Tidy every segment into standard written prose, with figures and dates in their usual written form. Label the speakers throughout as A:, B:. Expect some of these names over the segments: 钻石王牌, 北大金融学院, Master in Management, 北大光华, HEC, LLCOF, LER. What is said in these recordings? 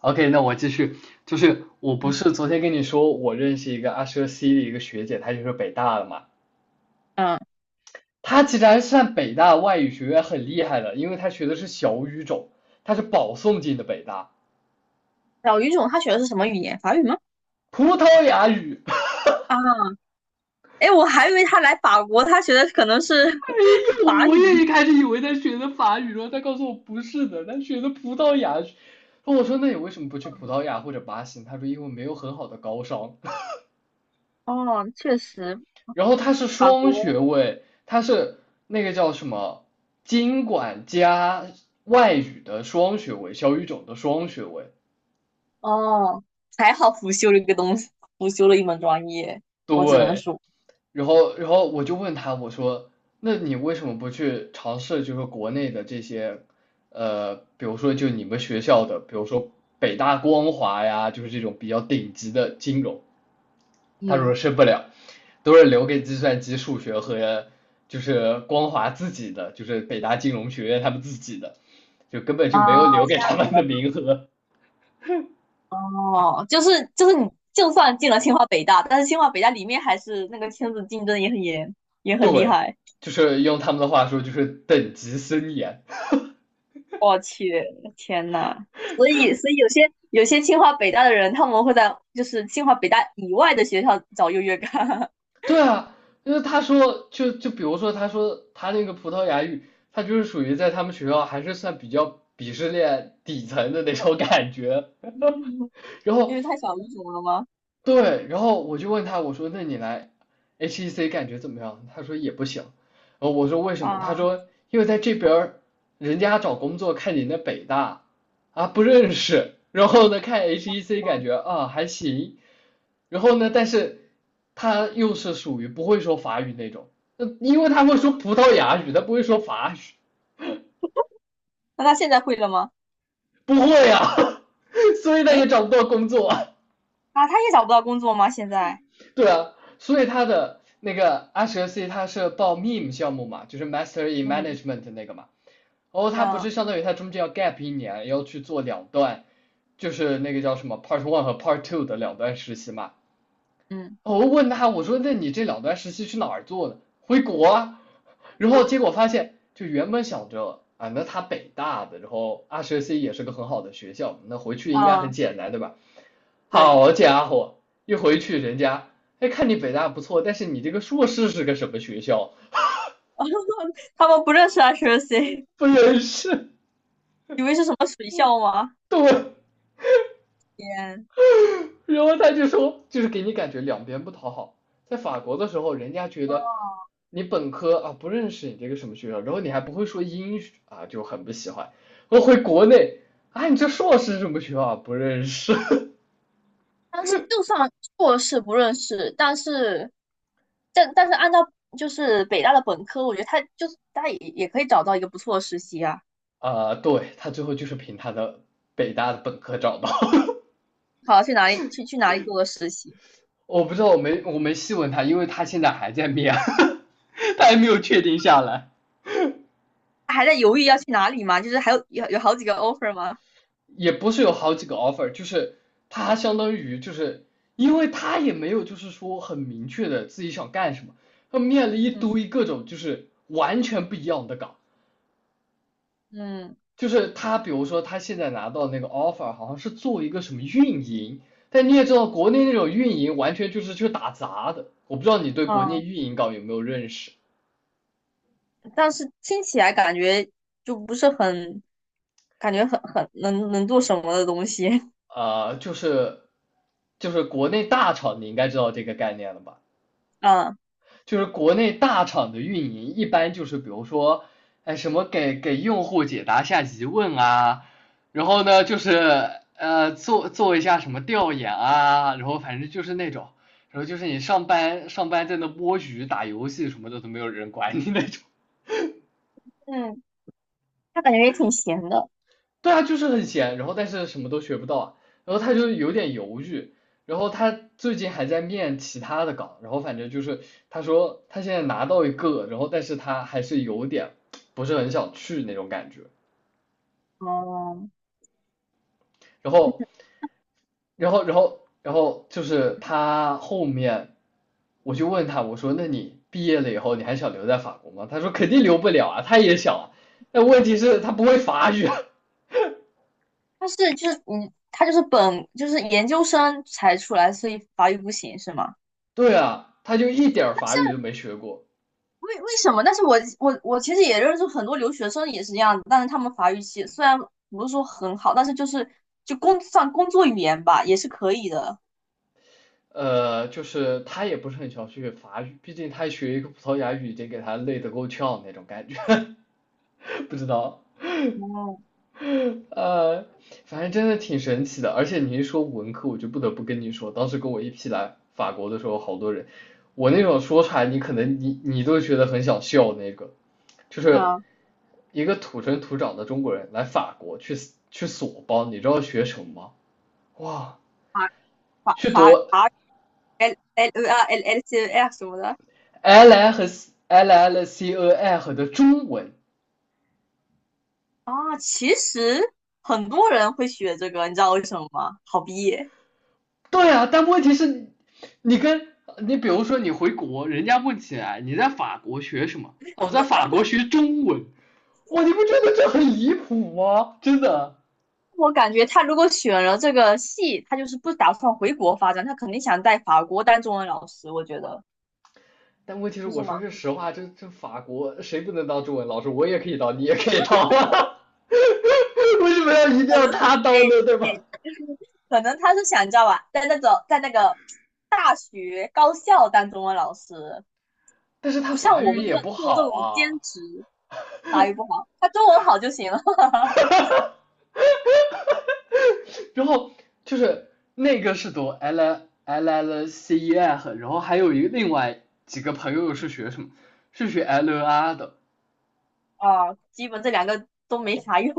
A: OK，那我继续，就是我不是昨天跟你说我认识一个阿舍 C 的一个学姐，她就是北大的嘛，
B: 嗯，
A: 她其实还是算北大外语学院很厉害的，因为她学的是小语种，她是保送进的北大，
B: 小语种他学的是什么语言？法语吗？
A: 葡萄牙语。
B: 啊，哎，我还以为他来法国，他学的可能是
A: 哎呦，
B: 法
A: 我也
B: 语。
A: 一开始以为她学的法语，然后她告诉我不是的，她学的葡萄牙语。我说那你为什么不去葡萄牙或者巴西？她说因为没有很好的高商。
B: 哦，确实，
A: 然后他是
B: 法
A: 双
B: 国。
A: 学位，他是那个叫什么经管加外语的双学位，小语种的双学位。
B: 哦，还好辅修了一个东西，辅修了一门专业，我只能
A: 对，
B: 说，
A: 然后我就问他，我说，那你为什么不去尝试就是国内的这些，比如说就你们学校的，比如说北大光华呀，就是这种比较顶级的金融。他说
B: 嗯，
A: 申不了，都是留给计算机、数学和就是光华自己的，就是北大金融学院他们自己的，就根本
B: 啊，
A: 就没有留给他们的名额。
B: 哦，就是你就算进了清华北大，但是清华北大里面还是那个圈子竞争也很严，也很厉
A: 对，
B: 害。
A: 就是用他们的话说，就是等级森严。
B: 我去，天呐！所以有些清华北大的人，他们会在就是清华北大以外的学校找优越感。
A: 对啊，因为他说，就比如说，他说他那个葡萄牙语，他就是属于在他们学校还是算比较鄙视链底层的那种感觉。然
B: 因
A: 后
B: 为太小语种了吗？
A: 对，然后我就问他，我说那你来 HEC 感觉怎么样？他说也不行。然后我说为什么？他
B: 啊，
A: 说因为在这边儿人家找工作看你那北大啊不认识，然后呢看 HEC 感觉
B: 哦，
A: 啊还行，然后呢但是他又是属于不会说法语那种，因为他会说葡萄牙语，他不会说法语，
B: 那他现在会了吗？
A: 不会啊，所以他
B: 诶，
A: 也找不到工作啊
B: 啊，他也找不到工作吗？现在？
A: 对啊，所以他的那个阿 s c 他是报 MEM 项目嘛，就是 Master in
B: 嗯
A: Management 那个嘛，然后他不是
B: 嗯
A: 相当于他中间要 gap 一年，要去做两段，就是那个叫什么 Part One 和 Part Two 的两段实习嘛，
B: 嗯
A: 哦我问他，我说那你这两段实习去哪儿做的？回国啊。然后结果发现，就原本想着啊，那他北大的，然后二十 C 也是个很好的学校，那回去应该很
B: 嗯，
A: 简单，对吧？
B: 对。
A: 好家伙，一回去人家，哎，看你北大不错，但是你这个硕士是个什么学校？
B: 他们不认识 HSC，
A: 不认识，
B: 以为是什么水校吗？
A: 对，
B: 天，
A: 然后他就说，就是给你感觉两边不讨好。在法国的时候，人家觉得
B: 哦，
A: 你本科啊不认识你这个什么学校，然后你还不会说英语啊，就很不喜欢。我回国内啊，你这硕士什么学校啊不认识
B: 但是就算硕士不认识，但是按照就是北大的本科，我觉得他就是他也可以找到一个不错的实习啊。
A: 啊？对他最后就是凭他的北大的本科找到。
B: 好，去哪里做个实习？
A: 我不知道，我没细问他，因为他现在还在面，他还没有确定下来。
B: 他还在犹豫要去哪里吗？就是还有好几个 offer 吗？
A: 也不是有好几个 offer，就是他相当于就是因为他也没有就是说很明确的自己想干什么，他面了一
B: 嗯
A: 堆各种就是完全不一样的岗，
B: 嗯
A: 就是他比如说他现在拿到那个 offer 好像是做一个什么运营，但你也知道国内那种运营完全就是去打杂的，我不知道你对国内
B: 嗯，
A: 运营岗有没有认识
B: 但是听起来感觉就不是很，感觉很能做什么的东西。
A: 啊，就是国内大厂你应该知道这个概念了吧？
B: 嗯
A: 就是国内大厂的运营一般就是比如说，哎什么给用户解答下疑问啊，然后呢就是做一下什么调研啊，然后反正就是那种，然后就是你上班在那摸鱼打游戏什么的都没有人管你那种。
B: 嗯，他感觉也挺闲的。
A: 对啊，就是很闲，然后但是什么都学不到啊，然后他就有点犹豫，然后他最近还在面其他的岗，然后反正就是他说他现在拿到一个，然后但是他还是有点不是很想去那种感觉，
B: 哦、
A: 然后，然后就是他后面我就问他，我说那你毕业了以后你还想留在法国吗？他说肯定留不了啊，他也想啊，但问题是他不会法语啊，
B: 他是就是他就是本就是研究生才出来，所以法语不行是吗？
A: 对啊，他就一点儿法语都没学过。
B: 为什么？但是我其实也认识很多留学生也是这样的，但是他们法语系虽然不是说很好，但是就是算工作语言吧，也是可以的。
A: 就是他也不是很想学法语，毕竟他学一个葡萄牙语已经给他累得够呛那种感觉，不知道。
B: 哦，
A: 呃，反正真的挺神奇的，而且你一说文科，我就不得不跟你说，当时跟我一批来法国的时候，好多人，我那种说出来，你可能你都觉得很想笑那个，就是
B: 啊，
A: 一个土生土长的中国人来法国去索邦，你知道学什么吗？哇，
B: 法法
A: 去
B: 法
A: 读
B: 法 L L L L L C L 什么的。
A: l l 和 l l c o f 的中文。
B: 啊，其实很多人会学这个，你知道为什么吗？好毕业。
A: 对啊，但问题是，你跟你比如说你回国，人家问起来你在法国学什么？哦我在法国学中文。哇，你不觉得这很离谱吗？真的。
B: 我感觉他如果选了这个系，他就是不打算回国发展，他肯定想在法国当中文老师，我觉得，
A: 但问题是，
B: 不
A: 我
B: 是
A: 说
B: 吗？
A: 句实话，这法国谁不能当中文老师？我也可以当，你也可以当啊。为什么要一定
B: 可
A: 要
B: 能，
A: 他当
B: 哎
A: 呢？对
B: 哎，
A: 吧？
B: 可能他是想你知道吧，在那个大学高校当中文老师，
A: 但是他
B: 不像
A: 法
B: 我
A: 语
B: 们
A: 也
B: 这样
A: 不
B: 做这
A: 好
B: 种
A: 啊。
B: 兼职，法语不好，他中文好就行了。
A: 然后就是那个是读 L L L C E F，然后还有一个另外几个朋友是学什么，是学 L E R 的。
B: 啊，基本这两个都没啥用。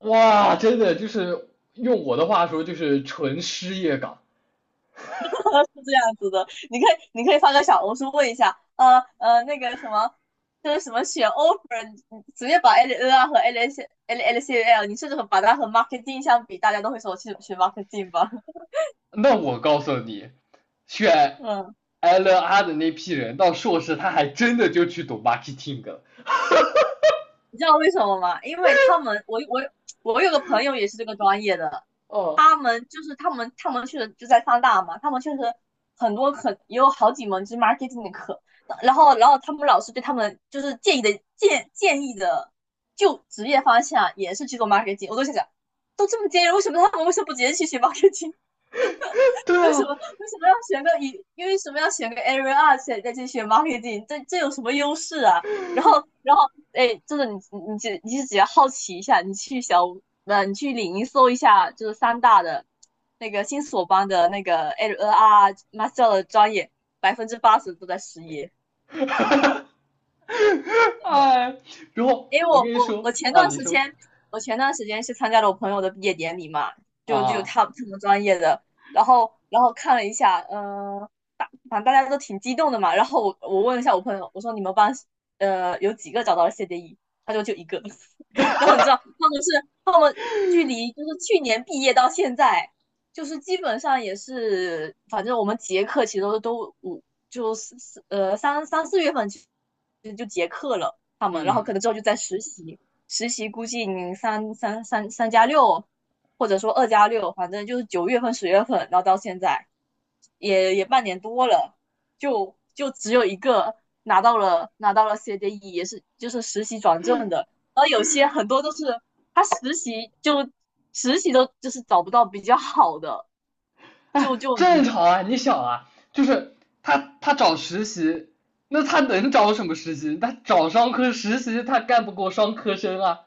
A: 哇，真的就是用我的话说就是纯失业岗。
B: 是这样子的，你可以发个小红书问一下，那个什么，就是什么选 offer，你直接把 L N 啊和 L S L L C L，你甚至把它和 marketing 相比，大家都会说我去学 marketing 吧。
A: 那我告诉你，选
B: 嗯，
A: L E R 的那批人到硕士，他还真的就去读 marketing 了。
B: 你知道为什么吗？因为他们，我有个朋友也是这个专业的，
A: 哦，
B: 他们就是他们去就在上大嘛，他们确实很多也有好几门就是 marketing 的课，然后他们老师对他们就是建议的就职业方向也是去做 marketing，我都想想，都这么建议为什么不直接去学 marketing？
A: 对
B: 为什
A: 啊，
B: 么为什么要选个一？因为什么要选个 Area 二，再去选 marketing？这有什么优势啊？然后然后哎，真的你只要好奇一下，呃你去领英搜一下，就是三大的那个新索邦的那个 Area 二 master 的专业，80%都在失业。
A: 哎，然后
B: 因为
A: 我
B: 我
A: 跟你
B: 我
A: 说
B: 我前
A: 啊，
B: 段
A: 你
B: 时
A: 说
B: 间，是参加了我朋友的毕业典礼嘛，
A: 啊。
B: 他们专业的，然后看了一下，反正大家都挺激动的嘛，然后我问了一下我朋友，我说你们班有几个找到了 CDE，他说就一个。然后你知道他们距离就是去年毕业到现在，就是基本上也是，反正我们结课其实都五就四四三三四月份就结课了。他们，然后
A: 嗯，
B: 可能之后就在实习，实习估计你三加六，或者说2+6，反正就是9月份、10月份，然后到现在也半年多了，就只有一个拿到了 CDE，也是就是实习转正的，然后有些很多都是他实习都就是找不到比较好的，
A: 哎，正
B: 嗯，
A: 常啊，你想啊，就是他找实习，那他能找什么实习？他找商科实习，他干不过商科生啊。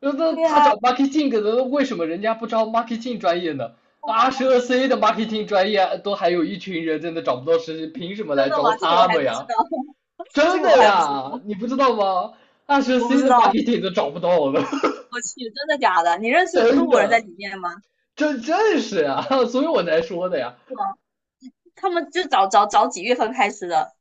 A: 那
B: 对
A: 他找
B: 呀、
A: marketing 的，那为什么人家不招 marketing 专业呢？二十二 C 的 marketing 专业都还有一群人在那找不到实习，凭什么
B: 真
A: 来
B: 的吗？
A: 招
B: 这个我
A: 他
B: 还
A: 们
B: 不知
A: 呀？
B: 道。这
A: 真
B: 个我
A: 的
B: 还不知
A: 呀，
B: 道，
A: 你不知道吗？二十
B: 我不
A: C
B: 知
A: 的
B: 道。
A: marketing 都找不到了，
B: 我去，真的假的？你认 识中
A: 真
B: 国人在
A: 的，
B: 里面吗？
A: 这正是啊，所以我才说的呀。
B: 啊，他们就早几月份开始的？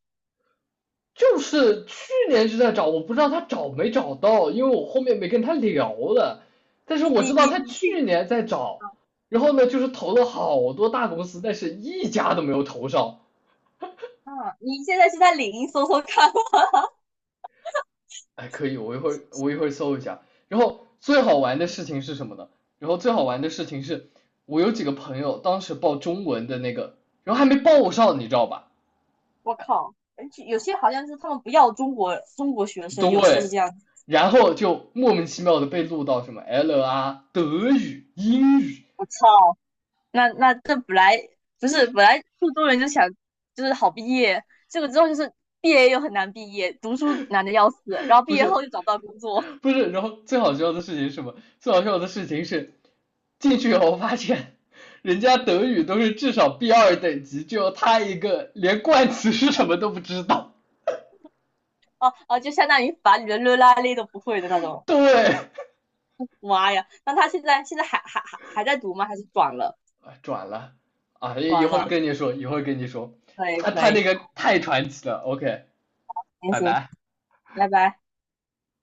A: 就是去年就在找，我不知道他找没找到，因为我后面没跟他聊了。但是
B: 你
A: 我
B: 你
A: 知道
B: 你
A: 他
B: 你去，
A: 去年在找，然后呢，就是投了好多大公司，但是一家都没有投上。
B: 啊？你现在是在领英搜搜看。
A: 哎，可以，我一会儿搜一下。然后最好玩的事
B: 嗯，
A: 情是什么呢？然后最好玩的事情是，我有几个朋友当时报中文的那个，然后还没报上，你知道吧？
B: 我靠，而且有些好像是他们不要中国学生，有些是
A: 对，
B: 这样子。
A: 然后就莫名其妙的被录到什么 L 啊、德语、英语，
B: 我操，那这不是本来苏中人就想就是好毕业，这个之后就是毕业又很难毕业，读书难的要死，然后毕
A: 不
B: 业后
A: 是
B: 又找不到工作，
A: 不是，然后最好笑的事情是什么？最好笑的事情是进去以后发现，人家德语都是至少 B2等级，就他一个连冠词是什么都不知道。
B: 哦、啊哦，啊就相当于把你的热拉勒都不会的那种。
A: 对，啊
B: 妈呀！那他现在还在读吗？还是转了？
A: 转了啊，一一
B: 转
A: 会儿
B: 了，
A: 跟你说，一会儿跟你说，
B: 可以
A: 他
B: 可
A: 他那
B: 以，
A: 个太传奇了。OK，
B: 行
A: 拜
B: 行，
A: 拜。
B: 拜拜。